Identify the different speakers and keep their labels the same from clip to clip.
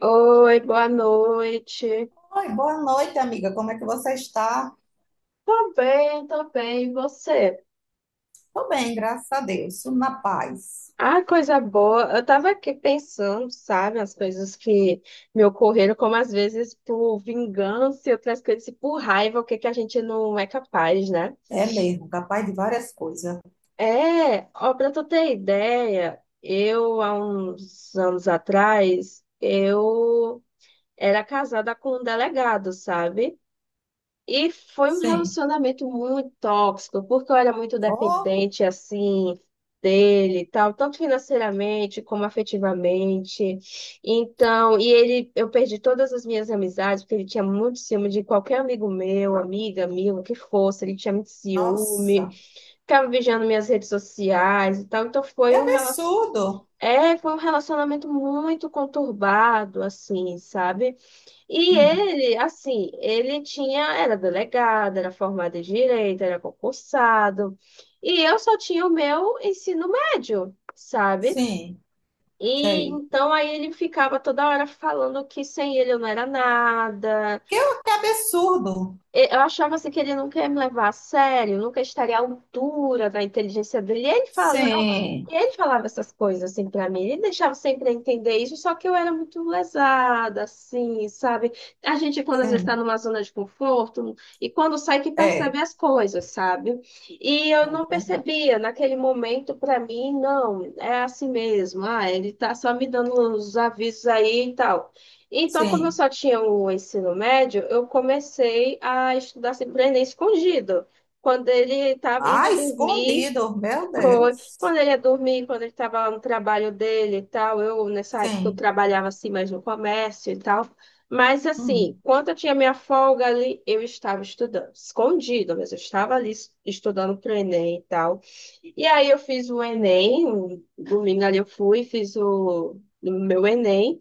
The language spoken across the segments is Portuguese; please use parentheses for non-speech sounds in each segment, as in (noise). Speaker 1: Oi, boa noite.
Speaker 2: Oi, boa noite, amiga. Como é que você está?
Speaker 1: Tô bem, tô bem. E você?
Speaker 2: Estou bem, graças a Deus. Na paz.
Speaker 1: Ah, coisa boa. Eu tava aqui pensando, sabe, as coisas que me ocorreram, como às vezes por vingança e outras coisas, e por raiva, o que que a gente não é capaz, né?
Speaker 2: É mesmo, capaz de várias coisas.
Speaker 1: É, ó, pra tu ter ideia, eu, há uns anos atrás, eu era casada com um delegado, sabe? E foi um
Speaker 2: Sim.
Speaker 1: relacionamento muito tóxico, porque eu era muito
Speaker 2: Oh,
Speaker 1: dependente, assim, dele e tal, tanto financeiramente como afetivamente. Então, e ele, eu perdi todas as minhas amizades, porque ele tinha muito ciúme de qualquer amigo meu, amiga, amigo, o que fosse, ele tinha muito ciúme,
Speaker 2: nossa.
Speaker 1: ficava vigiando minhas redes sociais e tal. Então,
Speaker 2: Que
Speaker 1: foi um relacionamento.
Speaker 2: absurdo.
Speaker 1: É, foi um relacionamento muito conturbado, assim, sabe? E
Speaker 2: Hum.
Speaker 1: ele, assim, ele tinha, era delegado, era formado em direito, era concursado. E eu só tinha o meu ensino médio, sabe?
Speaker 2: Sim,
Speaker 1: E
Speaker 2: sei.
Speaker 1: então aí ele ficava toda hora falando que sem ele eu não era nada.
Speaker 2: Que, que absurdo.
Speaker 1: Eu achava assim que ele nunca ia me levar a sério, nunca estaria à altura da inteligência dele.
Speaker 2: Sim,
Speaker 1: E ele falava essas coisas assim para mim, ele deixava sempre entender isso, só que eu era muito lesada, assim, sabe? A gente, quando às vezes está
Speaker 2: sim.
Speaker 1: numa zona de conforto, e quando sai que
Speaker 2: É, é
Speaker 1: percebe as coisas, sabe? E eu não
Speaker 2: verdade.
Speaker 1: percebia naquele momento, para mim, não, é assim mesmo, ah, ele tá só me dando os avisos aí e tal. Então, como eu
Speaker 2: Sim.
Speaker 1: só tinha o ensino médio, eu comecei a estudar sempre o Enem escondido. Quando ele estava
Speaker 2: Ah,
Speaker 1: indo dormir,
Speaker 2: escondido. Meu
Speaker 1: foi.
Speaker 2: Deus.
Speaker 1: Quando ele ia dormir, quando ele estava no trabalho dele e tal, eu, nessa época, eu
Speaker 2: Sim.
Speaker 1: trabalhava assim, mais no comércio e tal. Mas, assim,
Speaker 2: Hum.
Speaker 1: quando eu tinha minha folga ali, eu estava estudando, escondido, mas eu estava ali estudando para o Enem e tal. E aí eu fiz o Enem, um domingo ali eu fui, fiz o meu Enem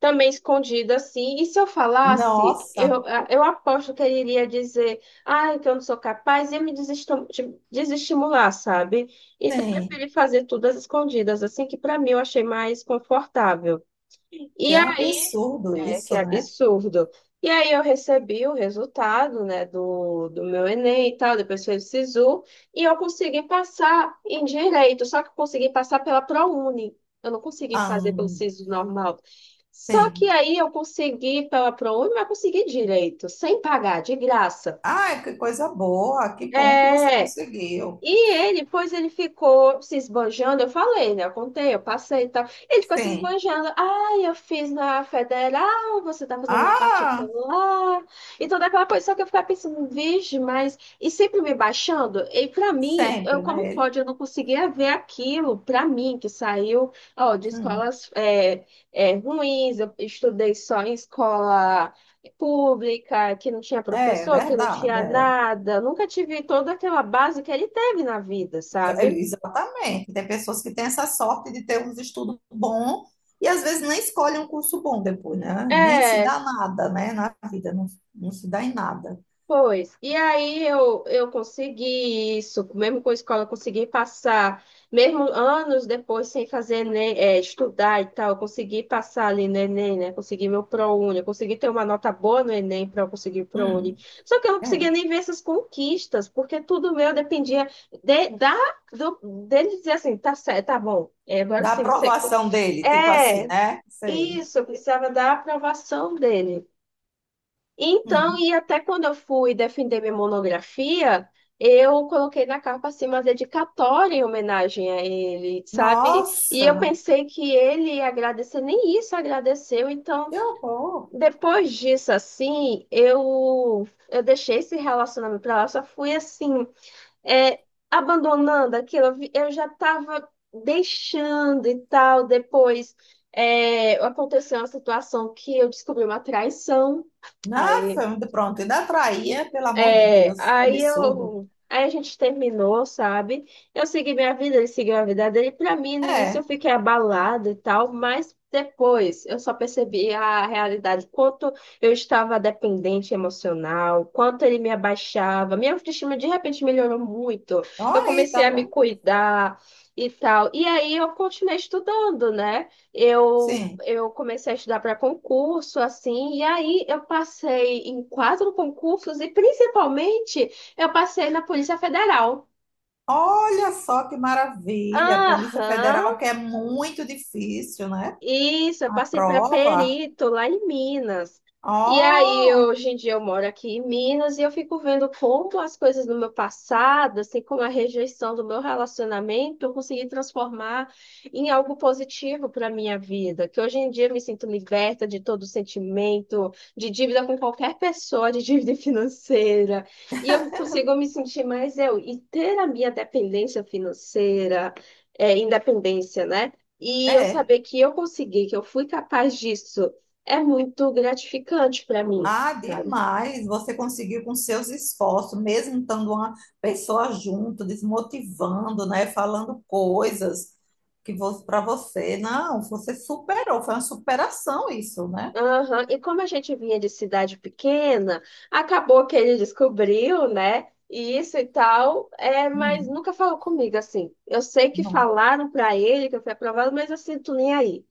Speaker 1: também escondida assim. E se eu falasse,
Speaker 2: Nossa.
Speaker 1: eu aposto que ele iria dizer, ai, que eu não sou capaz, e me desestimular, sabe? Então, eu
Speaker 2: Sim.
Speaker 1: preferi fazer tudo às escondidas, assim, que para mim eu achei mais confortável.
Speaker 2: Que
Speaker 1: E aí
Speaker 2: absurdo
Speaker 1: é que
Speaker 2: isso,
Speaker 1: é
Speaker 2: né?
Speaker 1: absurdo. E aí eu recebi o resultado, né, do meu Enem e tal, depois fez o SISU, e eu consegui passar em direito, só que eu consegui passar pela ProUni. Eu não consegui
Speaker 2: Ah,
Speaker 1: fazer pelo SISU normal. Só que
Speaker 2: sim.
Speaker 1: aí eu consegui pela ProUni, mas consegui direito, sem pagar, de graça.
Speaker 2: Ah, que coisa boa, que bom que você
Speaker 1: É,
Speaker 2: conseguiu.
Speaker 1: e ele, pois ele ficou se esbanjando, eu falei, né? Eu contei, eu passei e tal. Ele ficou se
Speaker 2: Sim.
Speaker 1: esbanjando. Ah, eu fiz na federal, você tá fazendo na
Speaker 2: Ah,
Speaker 1: particular. E toda aquela coisa, só que eu ficava pensando, vixe, mas... E sempre me baixando. E pra mim, eu,
Speaker 2: sempre,
Speaker 1: como
Speaker 2: né? Ele.
Speaker 1: pode, eu não conseguia ver aquilo, pra mim, que saiu, ó, de
Speaker 2: Hum.
Speaker 1: escolas é, é, ruins. Eu estudei só em escola pública, que não tinha
Speaker 2: É
Speaker 1: professor, que não
Speaker 2: verdade,
Speaker 1: tinha
Speaker 2: é.
Speaker 1: nada. Nunca tive toda aquela base que ele teve na vida,
Speaker 2: É,
Speaker 1: sabe?
Speaker 2: exatamente. Tem pessoas que têm essa sorte de ter uns estudos bons e às vezes nem escolhem um curso bom depois, né? Nem se
Speaker 1: É,
Speaker 2: dá nada, né? Na vida, não, não se dá em nada.
Speaker 1: pois, e aí eu consegui isso, mesmo com a escola, eu consegui passar, mesmo anos depois, sem fazer Enem, é, estudar e tal, eu consegui passar ali no Enem, né? Consegui meu ProUni, eu consegui ter uma nota boa no Enem para eu conseguir o ProUni.
Speaker 2: Hum.
Speaker 1: Só que eu não
Speaker 2: É.
Speaker 1: conseguia nem ver essas conquistas, porque tudo meu dependia de, da, do, dele dizer assim, tá certo, tá bom, é, agora
Speaker 2: Da
Speaker 1: sim, você.
Speaker 2: aprovação dele, tipo assim,
Speaker 1: É,
Speaker 2: né? Sei.
Speaker 1: isso, eu precisava da aprovação dele. Então,
Speaker 2: Hum.
Speaker 1: e até quando eu fui defender minha monografia, eu coloquei na capa assim uma dedicatória em homenagem a ele, sabe? E eu
Speaker 2: Nossa,
Speaker 1: pensei que ele ia agradecer, nem isso agradeceu. Então,
Speaker 2: que horror.
Speaker 1: depois disso, assim, eu deixei esse relacionamento pra lá, só fui assim, é, abandonando aquilo. Eu já estava deixando e tal. Depois, é, aconteceu uma situação que eu descobri uma traição. Aí.
Speaker 2: Nossa, pronto, ainda traía, pelo amor de
Speaker 1: É,
Speaker 2: Deus, que
Speaker 1: aí
Speaker 2: absurdo.
Speaker 1: eu, aí a gente terminou, sabe? Eu segui minha vida, ele seguiu a vida dele. Pra mim, no início eu
Speaker 2: É,
Speaker 1: fiquei abalada e tal, mas depois eu só percebi a realidade, quanto eu estava dependente emocional, quanto ele me abaixava. Minha autoestima de repente melhorou muito.
Speaker 2: então
Speaker 1: Eu
Speaker 2: aí,
Speaker 1: comecei
Speaker 2: tá
Speaker 1: a me
Speaker 2: vendo?
Speaker 1: cuidar e tal. E aí eu continuei estudando, né?
Speaker 2: Sim.
Speaker 1: Eu comecei a estudar para concurso, assim, e aí eu passei em quatro concursos e principalmente eu passei na Polícia Federal.
Speaker 2: Olha só que maravilha, a Polícia
Speaker 1: Aham,
Speaker 2: Federal, que é muito difícil, né?
Speaker 1: isso, eu
Speaker 2: A
Speaker 1: passei para
Speaker 2: prova.
Speaker 1: Perito, lá em Minas. E aí,
Speaker 2: Ó,
Speaker 1: hoje em dia, eu moro aqui em Minas e eu fico vendo como as coisas do meu passado, assim como a rejeição do meu relacionamento, eu consegui transformar em algo positivo para a minha vida. Que hoje em dia eu me sinto liberta de todo sentimento, de dívida com qualquer pessoa, de dívida (laughs) financeira. E eu consigo me sentir mais eu. E ter a minha dependência financeira, é, independência, né? E eu
Speaker 2: é.
Speaker 1: saber que eu consegui, que eu fui capaz disso, é muito gratificante para mim,
Speaker 2: Ah,
Speaker 1: sabe?
Speaker 2: demais. Você conseguiu com seus esforços, mesmo estando uma pessoa junto, desmotivando, né? Falando coisas que para você, não, você superou, foi uma superação isso, né?
Speaker 1: Aham. E como a gente vinha de cidade pequena, acabou que ele descobriu, né? E isso e tal, é, mas
Speaker 2: Hum.
Speaker 1: nunca falou comigo assim. Eu sei que
Speaker 2: Não.
Speaker 1: falaram para ele que eu fui aprovada, mas eu sinto nem aí.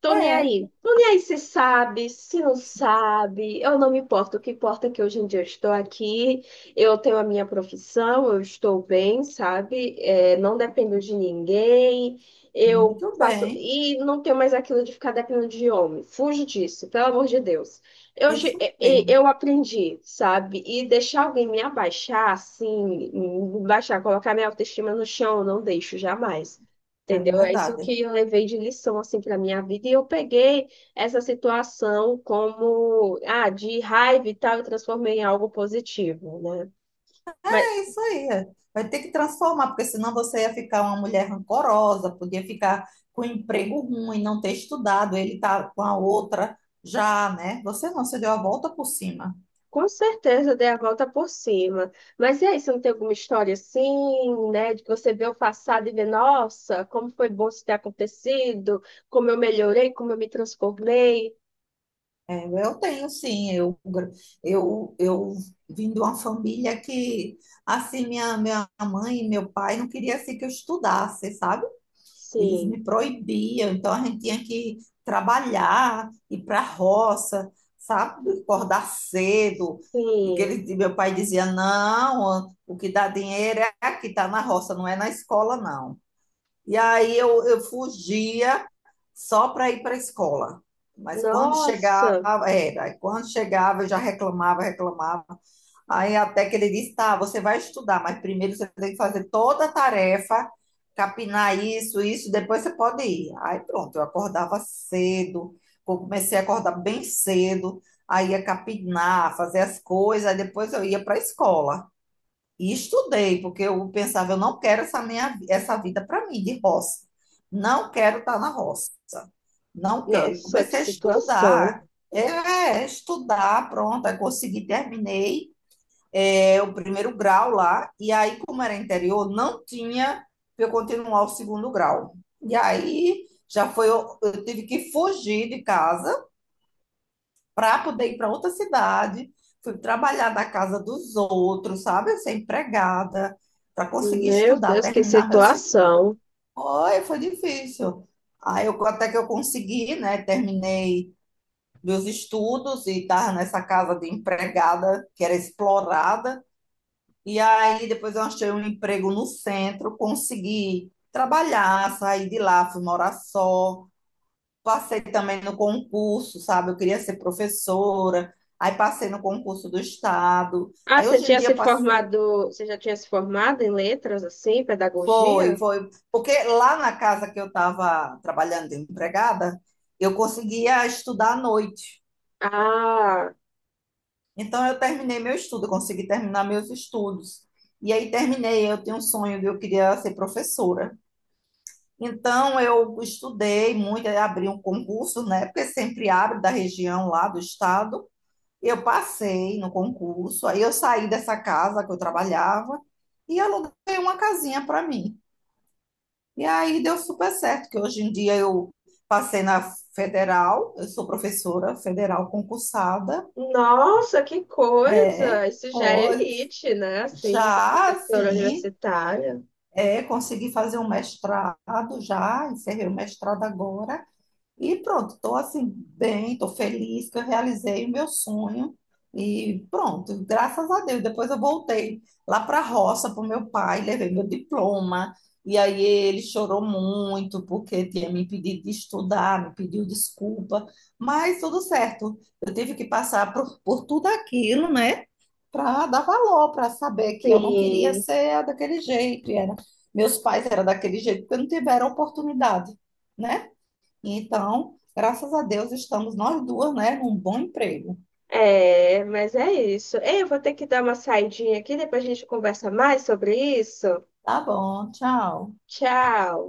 Speaker 1: Tô nem
Speaker 2: É,
Speaker 1: aí. Tô nem aí se sabe, se não sabe. Eu não me importo. O que importa é que hoje em dia eu estou aqui, eu tenho a minha profissão, eu estou bem, sabe? É, não dependo de ninguém. Eu
Speaker 2: muito
Speaker 1: faço.
Speaker 2: bem.
Speaker 1: E não tenho mais aquilo de ficar dependendo de homem. Fujo disso, pelo amor de Deus. Eu,
Speaker 2: Isso mesmo,
Speaker 1: eu aprendi, sabe? E deixar alguém me abaixar, assim, me baixar, colocar minha autoestima no chão, eu não deixo jamais.
Speaker 2: é
Speaker 1: Entendeu? É isso
Speaker 2: verdade.
Speaker 1: que eu levei de lição assim para minha vida e eu peguei essa situação como ah, de raiva e tal e transformei em algo positivo, né? Mas
Speaker 2: É isso aí. É. Vai ter que transformar, porque senão você ia ficar uma mulher rancorosa, podia ficar com um emprego ruim, não ter estudado, ele tá com a outra já, né? Você não, você deu a volta por cima.
Speaker 1: com certeza eu dei a volta por cima. Mas e aí, você não tem alguma história assim, né, de que você vê o passado e vê, nossa, como foi bom isso ter acontecido, como eu melhorei, como eu me transformei?
Speaker 2: É, eu tenho sim, eu vim de uma família que, assim, minha mãe e meu pai não queria assim, que eu estudasse, sabe? Eles
Speaker 1: Sim.
Speaker 2: me proibiam, então a gente tinha que trabalhar, ir para a roça, sabe? Acordar cedo. E que
Speaker 1: Sim.
Speaker 2: ele, meu pai dizia: não, o que dá dinheiro é aqui, tá na roça, não é na escola, não. E aí eu fugia só para ir para a escola. Mas quando chegava,
Speaker 1: Nossa,
Speaker 2: quando chegava, eu já reclamava, reclamava. Aí até que ele disse, tá, você vai estudar, mas primeiro você tem que fazer toda a tarefa, capinar isso, isso, depois você pode ir. Aí pronto, eu acordava cedo, eu comecei a acordar bem cedo, aí ia capinar, fazer as coisas, aí depois eu ia para a escola. E estudei, porque eu pensava, eu não quero essa minha essa vida para mim de roça. Não quero estar na roça. Não quero. E
Speaker 1: que
Speaker 2: comecei a
Speaker 1: situação.
Speaker 2: estudar. É, estudar, pronto, aí consegui, terminei o primeiro grau lá, e aí, como era interior, não tinha para eu continuar o segundo grau. E aí já foi, eu tive que fugir de casa para poder ir para outra cidade. Fui trabalhar na casa dos outros, sabe? Ser empregada, para conseguir
Speaker 1: Meu
Speaker 2: estudar,
Speaker 1: Deus, que
Speaker 2: terminar meu segundo.
Speaker 1: situação.
Speaker 2: Oi, foi difícil. Aí eu, até que eu consegui, né? Terminei meus estudos e estava nessa casa de empregada que era explorada. E aí depois eu achei um emprego no centro, consegui trabalhar, sair de lá, fui morar só, passei também no concurso, sabe? Eu queria ser professora, aí passei no concurso do estado.
Speaker 1: Ah,
Speaker 2: Aí
Speaker 1: você
Speaker 2: hoje em
Speaker 1: tinha
Speaker 2: dia
Speaker 1: se
Speaker 2: passei,
Speaker 1: formado, você já tinha se formado em letras, assim,
Speaker 2: foi,
Speaker 1: pedagogia?
Speaker 2: foi, porque lá na casa que eu estava trabalhando de empregada, eu conseguia estudar à noite.
Speaker 1: Ah,
Speaker 2: Então eu terminei meu estudo, eu consegui terminar meus estudos. E aí terminei, eu tinha um sonho de eu queria ser professora. Então eu estudei muito, aí abri um concurso, né? Porque sempre abre da região lá do estado. Eu passei no concurso, aí eu saí dessa casa que eu trabalhava e aluguei uma casinha para mim. E aí deu super certo, que hoje em dia eu passei na federal, eu sou professora federal concursada,
Speaker 1: nossa, que
Speaker 2: é,
Speaker 1: coisa! Isso já é
Speaker 2: pode.
Speaker 1: elite, né? Assim, de ser
Speaker 2: Já,
Speaker 1: professora
Speaker 2: sim,
Speaker 1: universitária.
Speaker 2: consegui fazer um mestrado, já encerrei o mestrado agora. E pronto, estou assim, bem, estou feliz que eu realizei o meu sonho. E pronto, graças a Deus. Depois eu voltei lá para a roça para o meu pai, levei meu diploma. E aí ele chorou muito porque tinha me impedido de estudar, me pediu desculpa. Mas tudo certo, eu tive que passar por tudo aquilo, né? Para dar valor, para saber que eu não queria
Speaker 1: Sim,
Speaker 2: ser daquele jeito. Meus pais eram daquele jeito porque não tiveram oportunidade, né? Então, graças a Deus, estamos nós duas, né, num bom emprego.
Speaker 1: é, mas é isso. Ei, eu vou ter que dar uma saidinha aqui, depois a gente conversa mais sobre isso.
Speaker 2: Tá bom, tchau.
Speaker 1: Tchau!